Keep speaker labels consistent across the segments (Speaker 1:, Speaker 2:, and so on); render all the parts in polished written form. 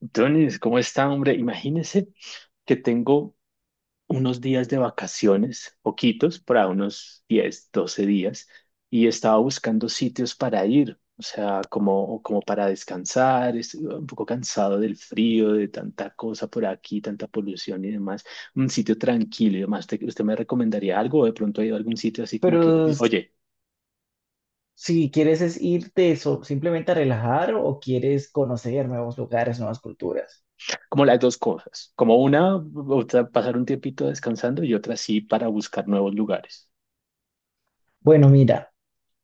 Speaker 1: Entonces, ¿cómo está, hombre? Imagínese que tengo unos días de vacaciones, poquitos, para unos 10, 12 días, y estaba buscando sitios para ir, o sea, como para descansar, estoy un poco cansado del frío, de tanta cosa por aquí, tanta polución y demás, un sitio tranquilo y demás. ¿Usted me recomendaría algo? ¿O de pronto ha ido a algún sitio así como que,
Speaker 2: Pero
Speaker 1: oye,
Speaker 2: si quieres es irte simplemente a relajar o quieres conocer nuevos lugares, nuevas culturas.
Speaker 1: como las dos cosas, como una, o sea, pasar un tiempito descansando y otra sí para buscar nuevos lugares?
Speaker 2: Bueno, mira,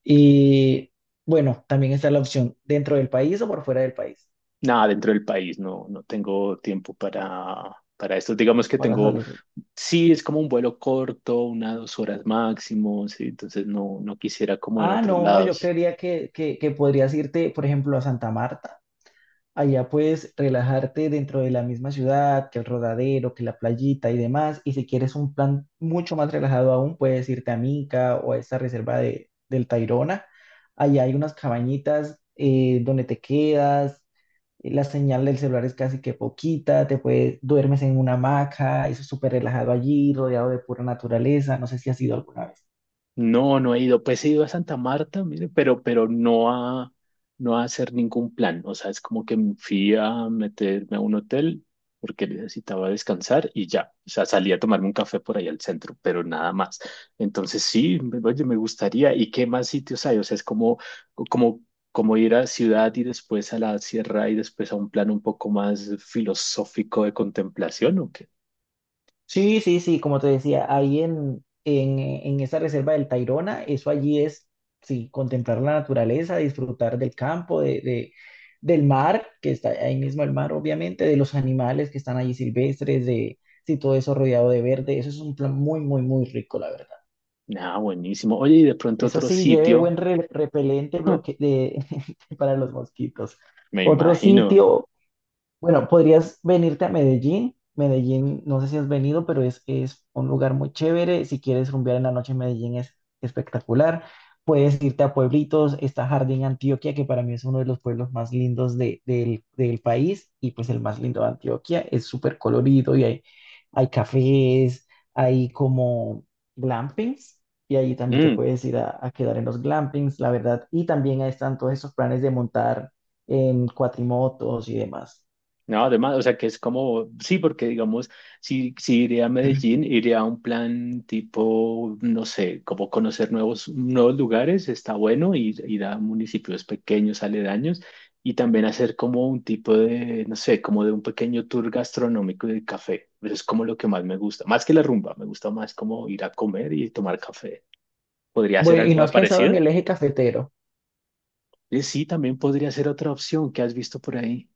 Speaker 2: y bueno, también está la opción dentro del país o por fuera del país
Speaker 1: Nada, dentro del país no, no tengo tiempo para esto. Digamos que
Speaker 2: para
Speaker 1: tengo,
Speaker 2: salir.
Speaker 1: sí, es como un vuelo corto, una, 2 horas máximo, sí, entonces no, no quisiera como en
Speaker 2: Ah,
Speaker 1: otros
Speaker 2: no, yo
Speaker 1: lados.
Speaker 2: creería que podrías irte, por ejemplo, a Santa Marta. Allá puedes relajarte dentro de la misma ciudad, que el rodadero, que la playita y demás. Y si quieres un plan mucho más relajado aún, puedes irte a Minca o a esta reserva del Tayrona. Allá hay unas cabañitas donde te quedas, la señal del celular es casi que poquita, duermes en una hamaca, eso es súper relajado allí, rodeado de pura naturaleza. No sé si has ido alguna vez.
Speaker 1: No, no he ido. Pues he ido a Santa Marta, mire, pero no a hacer ningún plan. O sea, es como que fui a meterme a un hotel porque necesitaba descansar y ya. O sea, salí a tomarme un café por ahí al centro, pero nada más. Entonces sí, oye, me gustaría. ¿Y qué más sitios hay? O sea, es como, como ir a ciudad y después a la sierra y después a un plan un poco más filosófico de contemplación, ¿o qué?
Speaker 2: Sí, sí, sí, como te decía, ahí en esa reserva del Tayrona, eso allí es, sí, contemplar la naturaleza, disfrutar del campo, del mar, que está ahí mismo el mar, obviamente, de los animales que están allí silvestres, sí, todo eso rodeado de verde, eso es un plan muy, muy, muy rico, la verdad.
Speaker 1: Nada, buenísimo. Oye, y de pronto
Speaker 2: Eso
Speaker 1: otro
Speaker 2: sí, lleve
Speaker 1: sitio,
Speaker 2: buen repelente bloque de, para los mosquitos.
Speaker 1: me
Speaker 2: Otro
Speaker 1: imagino.
Speaker 2: sitio. Bueno, podrías venirte a Medellín. Medellín, no sé si has venido, pero es un lugar muy chévere. Si quieres rumbear en la noche, en Medellín es espectacular. Puedes irte a pueblitos. Está Jardín Antioquia, que para mí es uno de los pueblos más lindos del país y pues el más lindo de Antioquia. Es súper colorido y hay cafés, hay como glampings. Y ahí también te
Speaker 1: Mm,
Speaker 2: puedes ir a quedar en los glampings, la verdad. Y también ahí están todos esos planes de montar en cuatrimotos y demás.
Speaker 1: no, además, o sea, que es como, sí, porque digamos, si iré a Medellín, iré a un plan tipo, no sé, como conocer nuevos lugares, está bueno, ir a municipios pequeños, aledaños, y también hacer como un tipo de, no sé, como de un pequeño tour gastronómico y de café. Eso es como lo que más me gusta, más que la rumba, me gusta más como ir a comer y tomar café. ¿Podría ser
Speaker 2: Bueno, ¿y no
Speaker 1: algo
Speaker 2: has pensado en
Speaker 1: parecido?
Speaker 2: el eje cafetero?
Speaker 1: Sí, también podría ser otra opción que has visto por ahí.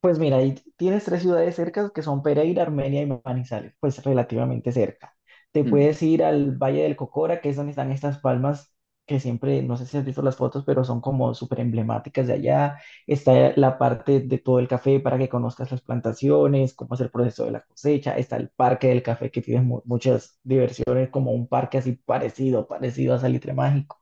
Speaker 2: Pues mira, ahí tienes tres ciudades cercas que son Pereira, Armenia y Manizales, pues relativamente cerca. Te puedes ir al Valle del Cocora, que es donde están estas palmas que siempre, no sé si has visto las fotos, pero son como súper emblemáticas de allá. Está la parte de todo el café para que conozcas las plantaciones, cómo es el proceso de la cosecha. Está el Parque del Café, que tiene muchas diversiones, como un parque así parecido, parecido a Salitre Mágico.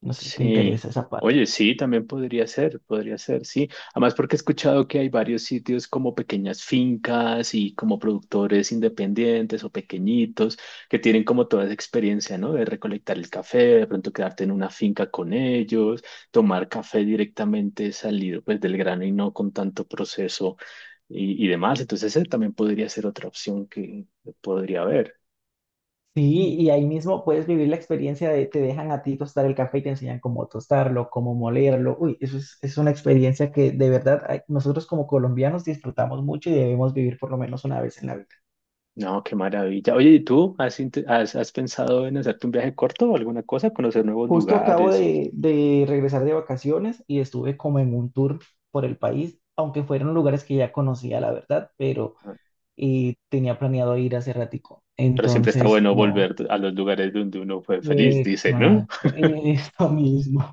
Speaker 2: No sé si te
Speaker 1: Sí,
Speaker 2: interesa esa parte.
Speaker 1: oye, sí, también podría ser, sí. Además, porque he escuchado que hay varios sitios como pequeñas fincas y como productores independientes o pequeñitos que tienen como toda esa experiencia, ¿no? De recolectar el café, de pronto quedarte en una finca con ellos, tomar café directamente salido pues del grano y no con tanto proceso y demás. Entonces, esa también podría ser otra opción que podría haber.
Speaker 2: Sí, y ahí mismo puedes vivir la experiencia de te dejan a ti tostar el café y te enseñan cómo tostarlo, cómo molerlo. Uy, eso es una experiencia que de verdad ay, nosotros como colombianos disfrutamos mucho y debemos vivir por lo menos una vez en la vida.
Speaker 1: No, qué maravilla. Oye, ¿y tú has pensado en hacerte un viaje corto o alguna cosa? Conocer nuevos
Speaker 2: Justo acabo
Speaker 1: lugares.
Speaker 2: de regresar de vacaciones y estuve como en un tour por el país, aunque fueron lugares que ya conocía, la verdad, pero
Speaker 1: Ah,
Speaker 2: y tenía planeado ir hace ratico.
Speaker 1: Pero siempre está
Speaker 2: Entonces,
Speaker 1: bueno
Speaker 2: no.
Speaker 1: volver a los lugares donde uno fue feliz, dice, ¿no?
Speaker 2: Exacto, eso mismo.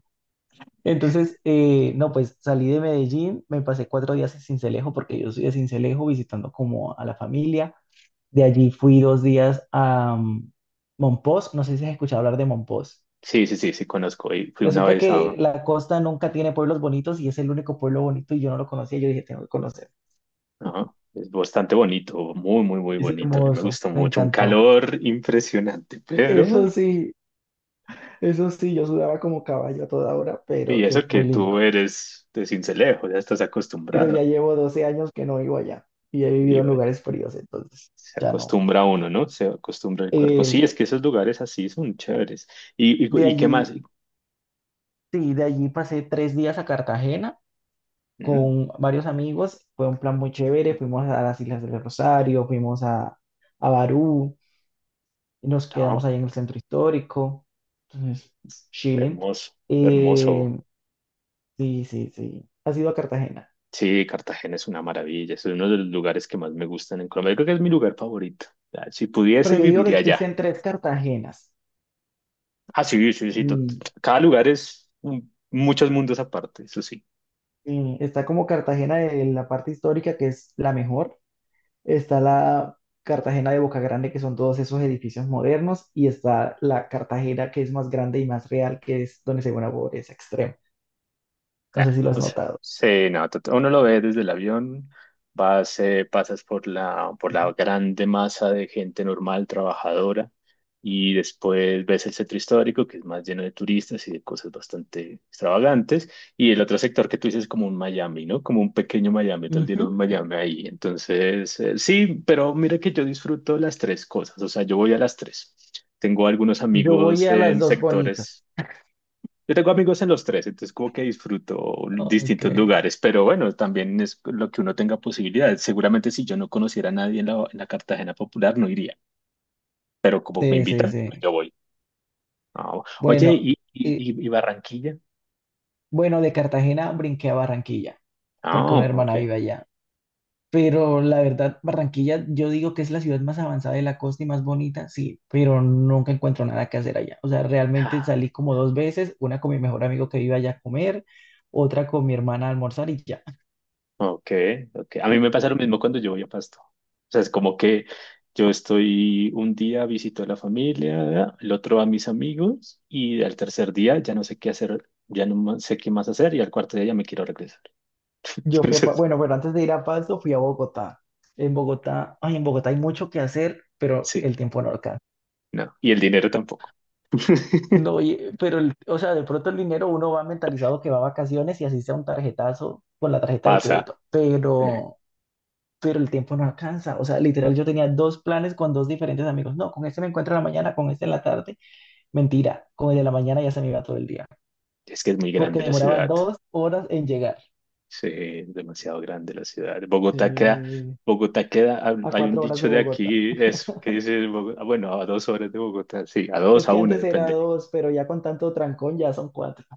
Speaker 2: Entonces, no, pues salí de Medellín, me pasé 4 días en Sincelejo porque yo soy de Sincelejo visitando como a la familia. De allí fui 2 días a Mompós, no sé si has escuchado hablar de Mompós.
Speaker 1: Sí, sí, sí, sí, conozco. Y fui una
Speaker 2: Resulta
Speaker 1: vez a...
Speaker 2: que la costa nunca tiene pueblos bonitos y es el único pueblo bonito y yo no lo conocía, yo dije, tengo que conocer.
Speaker 1: Es bastante bonito, muy, muy, muy
Speaker 2: Es
Speaker 1: bonito. A mí me
Speaker 2: hermoso,
Speaker 1: gustó
Speaker 2: me
Speaker 1: mucho. Un
Speaker 2: encantó.
Speaker 1: calor impresionante, pero...
Speaker 2: Eso sí, eso sí, yo sudaba como caballo a toda hora,
Speaker 1: Y
Speaker 2: pero
Speaker 1: eso
Speaker 2: es
Speaker 1: que
Speaker 2: muy
Speaker 1: tú
Speaker 2: lindo.
Speaker 1: eres de Sincelejo, ya estás
Speaker 2: Pero ya
Speaker 1: acostumbrado.
Speaker 2: llevo 12 años que no vivo allá y he
Speaker 1: Y
Speaker 2: vivido en
Speaker 1: bueno,
Speaker 2: lugares fríos, entonces
Speaker 1: se
Speaker 2: ya no.
Speaker 1: acostumbra uno, ¿no? Se acostumbra el cuerpo.
Speaker 2: Eh,
Speaker 1: Sí, es que esos lugares así son chéveres.
Speaker 2: de
Speaker 1: Y qué
Speaker 2: allí,
Speaker 1: más?
Speaker 2: sí, de allí pasé 3 días a Cartagena
Speaker 1: Mm,
Speaker 2: con varios amigos. Fue un plan muy chévere. Fuimos a las Islas del Rosario, fuimos a Barú, y nos quedamos
Speaker 1: no,
Speaker 2: ahí en el centro histórico. Entonces, chilling.
Speaker 1: hermoso, hermoso.
Speaker 2: Eh, sí, sí, sí. Ha sido a Cartagena.
Speaker 1: Sí, Cartagena es una maravilla. Es uno de los lugares que más me gustan en Colombia. Yo creo que es mi lugar favorito. O sea, si
Speaker 2: Pero
Speaker 1: pudiese,
Speaker 2: yo digo que
Speaker 1: viviría allá.
Speaker 2: existen tres Cartagenas.
Speaker 1: Ah, sí, sí, sí.
Speaker 2: Mm,
Speaker 1: Cada lugar es muchos mundos aparte, eso sí.
Speaker 2: sí, está como Cartagena de la parte histórica, que es la mejor. Está la Cartagena de Boca Grande, que son todos esos edificios modernos, y está la Cartagena que es más grande y más real, que es donde se ve una pobreza extrema. No
Speaker 1: Ah,
Speaker 2: sé si lo has
Speaker 1: o sea,
Speaker 2: notado.
Speaker 1: sí, no, uno lo ve desde el avión, vas, pasas por la grande masa de gente normal, trabajadora, y después ves el centro histórico, que es más lleno de turistas y de cosas bastante extravagantes, y el otro sector que tú dices es como un Miami, ¿no? Como un pequeño Miami, tal día un
Speaker 2: Ujú.
Speaker 1: Miami ahí. Entonces, sí, pero mira que yo disfruto las tres cosas, o sea, yo voy a las tres. Tengo algunos
Speaker 2: Yo voy
Speaker 1: amigos
Speaker 2: a las
Speaker 1: en
Speaker 2: dos bonitas.
Speaker 1: sectores. Yo tengo amigos en los tres, entonces como que disfruto
Speaker 2: Ok,
Speaker 1: distintos lugares, pero bueno, también es lo que uno tenga posibilidades. Seguramente si yo no conociera a nadie en la Cartagena Popular no iría, pero como me
Speaker 2: sí, sí,
Speaker 1: invitan, pues
Speaker 2: sí.
Speaker 1: yo voy. Ah, oye,
Speaker 2: Bueno, y,
Speaker 1: y Barranquilla?
Speaker 2: bueno, de Cartagena brinqué a Barranquilla, porque
Speaker 1: Ah,
Speaker 2: una
Speaker 1: ok.
Speaker 2: hermana vive allá. Pero la verdad, Barranquilla, yo digo que es la ciudad más avanzada de la costa y más bonita, sí, pero nunca encuentro nada que hacer allá. O sea, realmente
Speaker 1: Ah,
Speaker 2: salí como dos veces, una con mi mejor amigo que vive allá a comer, otra con mi hermana a almorzar y ya.
Speaker 1: ok, ok. A mí me pasa lo mismo cuando yo voy a Pasto. O sea, es como que yo estoy un día visito a la familia, el otro a mis amigos y al tercer día ya no sé qué hacer, ya no sé qué más hacer y al cuarto día ya me quiero regresar.
Speaker 2: Yo fui a, Pa-
Speaker 1: Entonces,
Speaker 2: bueno, pero antes de ir a Pasto, fui a Bogotá. En Bogotá, ay, en Bogotá hay mucho que hacer, pero
Speaker 1: sí,
Speaker 2: el tiempo no alcanza.
Speaker 1: no. Y el dinero tampoco.
Speaker 2: No, pero, o sea, de pronto el dinero uno va mentalizado que va a vacaciones y así sea un tarjetazo con la tarjeta de
Speaker 1: Pasa.
Speaker 2: crédito,
Speaker 1: eh,
Speaker 2: pero el tiempo no alcanza. O sea, literal, yo tenía dos planes con dos diferentes amigos. No, con este me encuentro en la mañana, con este en la tarde. Mentira, con el de la mañana ya se me iba todo el día,
Speaker 1: es que es muy grande
Speaker 2: porque
Speaker 1: la
Speaker 2: demoraba
Speaker 1: ciudad.
Speaker 2: 2 horas en llegar.
Speaker 1: Sí, es demasiado grande la ciudad.
Speaker 2: Sí,
Speaker 1: Bogotá queda,
Speaker 2: a
Speaker 1: hay un
Speaker 2: 4 horas
Speaker 1: dicho
Speaker 2: de
Speaker 1: de
Speaker 2: Bogotá.
Speaker 1: aquí es que dice, bueno, a 2 horas de Bogotá, sí, a dos,
Speaker 2: Es
Speaker 1: a
Speaker 2: que
Speaker 1: una,
Speaker 2: antes era
Speaker 1: depende.
Speaker 2: dos, pero ya con tanto trancón ya son cuatro.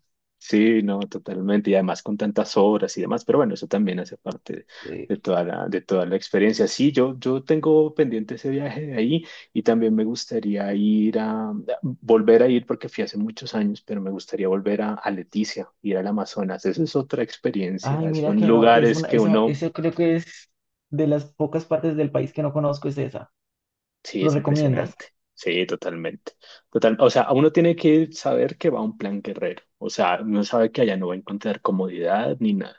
Speaker 1: Sí, no, totalmente. Y además con tantas obras y demás, pero bueno, eso también hace parte
Speaker 2: Sí.
Speaker 1: de toda la experiencia. Sí, yo tengo pendiente ese viaje de ahí y también me gustaría volver a ir porque fui hace muchos años, pero me gustaría volver a Leticia, ir al Amazonas. Esa es otra
Speaker 2: Ay,
Speaker 1: experiencia.
Speaker 2: mira
Speaker 1: Son
Speaker 2: que no, es
Speaker 1: lugares
Speaker 2: una,
Speaker 1: que
Speaker 2: eso,
Speaker 1: uno,
Speaker 2: eso creo que es de las pocas partes del país que no conozco, es esa.
Speaker 1: sí,
Speaker 2: ¿Lo
Speaker 1: es
Speaker 2: recomiendas?
Speaker 1: impresionante. Sí, totalmente. Total, o sea, uno tiene que saber que va a un plan guerrero. O sea, uno sabe que allá no va a encontrar comodidad ni nada.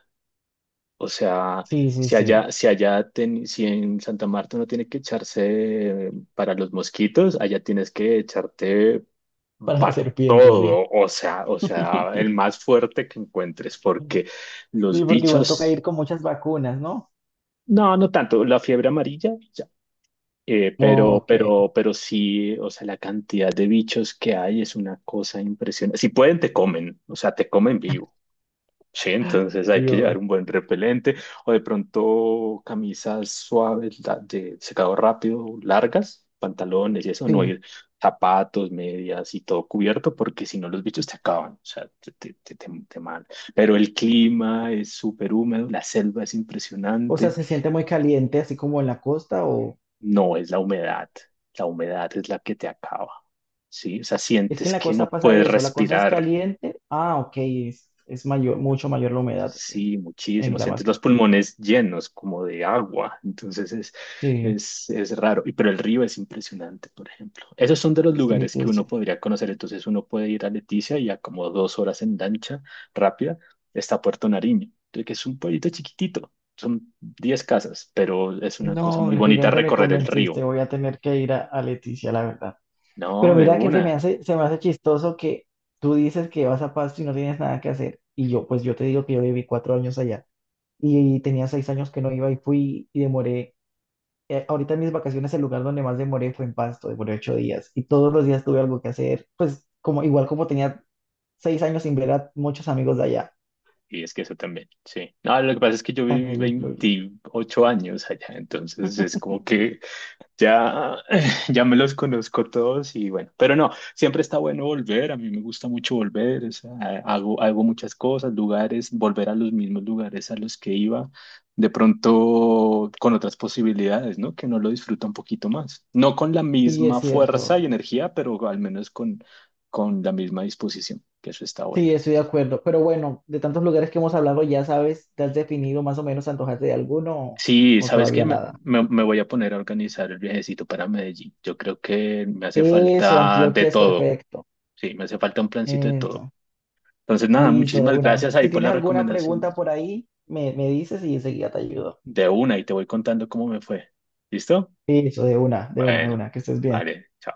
Speaker 1: O sea,
Speaker 2: Sí, sí, sí.
Speaker 1: si en Santa Marta uno tiene que echarse para los mosquitos, allá tienes que echarte
Speaker 2: Para las
Speaker 1: para
Speaker 2: serpientes, sí.
Speaker 1: todo. O sea, el más fuerte que encuentres, porque
Speaker 2: Sí,
Speaker 1: los
Speaker 2: porque igual toca ir
Speaker 1: bichos,
Speaker 2: con muchas vacunas, ¿no?
Speaker 1: no, no tanto, la fiebre amarilla, ya.
Speaker 2: Ok,
Speaker 1: Pero sí, o sea, la cantidad de bichos que hay es una cosa impresionante. Si pueden, te comen, o sea, te comen vivo. Sí, entonces hay que llevar
Speaker 2: Dios.
Speaker 1: un buen repelente o de pronto camisas suaves de secado rápido, largas, pantalones y eso, no
Speaker 2: Sí.
Speaker 1: ir zapatos, medias y todo cubierto porque si no los bichos te acaban, o sea, te mal. Pero el clima es súper húmedo, la selva es
Speaker 2: O sea,
Speaker 1: impresionante,
Speaker 2: se siente muy caliente, así como en la costa, o
Speaker 1: no es la humedad es la que te acaba, ¿sí? O sea,
Speaker 2: es que
Speaker 1: sientes
Speaker 2: en la
Speaker 1: que no
Speaker 2: costa pasa
Speaker 1: puedes
Speaker 2: eso, la costa es
Speaker 1: respirar.
Speaker 2: caliente. Ah, ok, es mayor, mucho mayor la humedad en
Speaker 1: Sí,
Speaker 2: en
Speaker 1: muchísimo.
Speaker 2: el
Speaker 1: Sientes los
Speaker 2: Amazonas.
Speaker 1: pulmones llenos como de agua. Entonces
Speaker 2: Sí,
Speaker 1: es, raro. Pero el río es impresionante, por ejemplo. Esos son de los
Speaker 2: sí,
Speaker 1: lugares
Speaker 2: sí,
Speaker 1: que uno
Speaker 2: sí.
Speaker 1: podría conocer. Entonces uno puede ir a Leticia y a como 2 horas en lancha rápida está Puerto Nariño, que es un pueblito chiquitito. Son 10 casas, pero es una cosa
Speaker 2: No,
Speaker 1: muy bonita
Speaker 2: definitivamente me
Speaker 1: recorrer el
Speaker 2: convenciste,
Speaker 1: río.
Speaker 2: voy a tener que ir a Leticia, la verdad. Pero
Speaker 1: No, de
Speaker 2: mira que se
Speaker 1: una.
Speaker 2: me hace, se me hace chistoso que tú dices que vas a Pasto y no tienes nada que hacer. Y yo, pues yo te digo que yo viví 4 años allá y tenía 6 años que no iba y fui y demoré ahorita en mis vacaciones el lugar donde más demoré fue en Pasto, demoré 8 días y todos los días tuve algo que hacer, pues como igual como tenía 6 años sin ver a muchos amigos de allá,
Speaker 1: Y es que eso también, sí. No, lo que pasa es que yo viví
Speaker 2: también influye.
Speaker 1: 28 años allá, entonces es como que ya, ya me los conozco todos y bueno, pero no, siempre está bueno volver, a mí me gusta mucho volver, o sea, hago muchas cosas, lugares, volver a los mismos lugares a los que iba, de pronto con otras posibilidades, ¿no? Que no lo disfruta un poquito más. No con la
Speaker 2: Sí, es
Speaker 1: misma fuerza y
Speaker 2: cierto.
Speaker 1: energía, pero al menos con, la misma disposición, que eso está bueno.
Speaker 2: Sí, estoy de acuerdo. Pero bueno, de tantos lugares que hemos hablado, ya sabes, ¿te has definido más o menos antojarte de alguno o
Speaker 1: Sí,
Speaker 2: o
Speaker 1: ¿sabes qué?
Speaker 2: todavía
Speaker 1: Me,
Speaker 2: nada?
Speaker 1: me- me- voy a poner a organizar el viajecito para Medellín. Yo creo que me hace
Speaker 2: Eso,
Speaker 1: falta de
Speaker 2: Antioquia es
Speaker 1: todo.
Speaker 2: perfecto.
Speaker 1: Sí, me hace falta un plancito de todo.
Speaker 2: Eso.
Speaker 1: Entonces, nada,
Speaker 2: Listo, de
Speaker 1: muchísimas
Speaker 2: una.
Speaker 1: gracias ahí
Speaker 2: Si
Speaker 1: por
Speaker 2: tienes
Speaker 1: las
Speaker 2: alguna pregunta
Speaker 1: recomendaciones.
Speaker 2: por ahí, me dices y enseguida te ayudo.
Speaker 1: De una, y te voy contando cómo me fue. ¿Listo?
Speaker 2: Eso, de una, de una, de
Speaker 1: Bueno,
Speaker 2: una, que estés bien.
Speaker 1: vale, chao.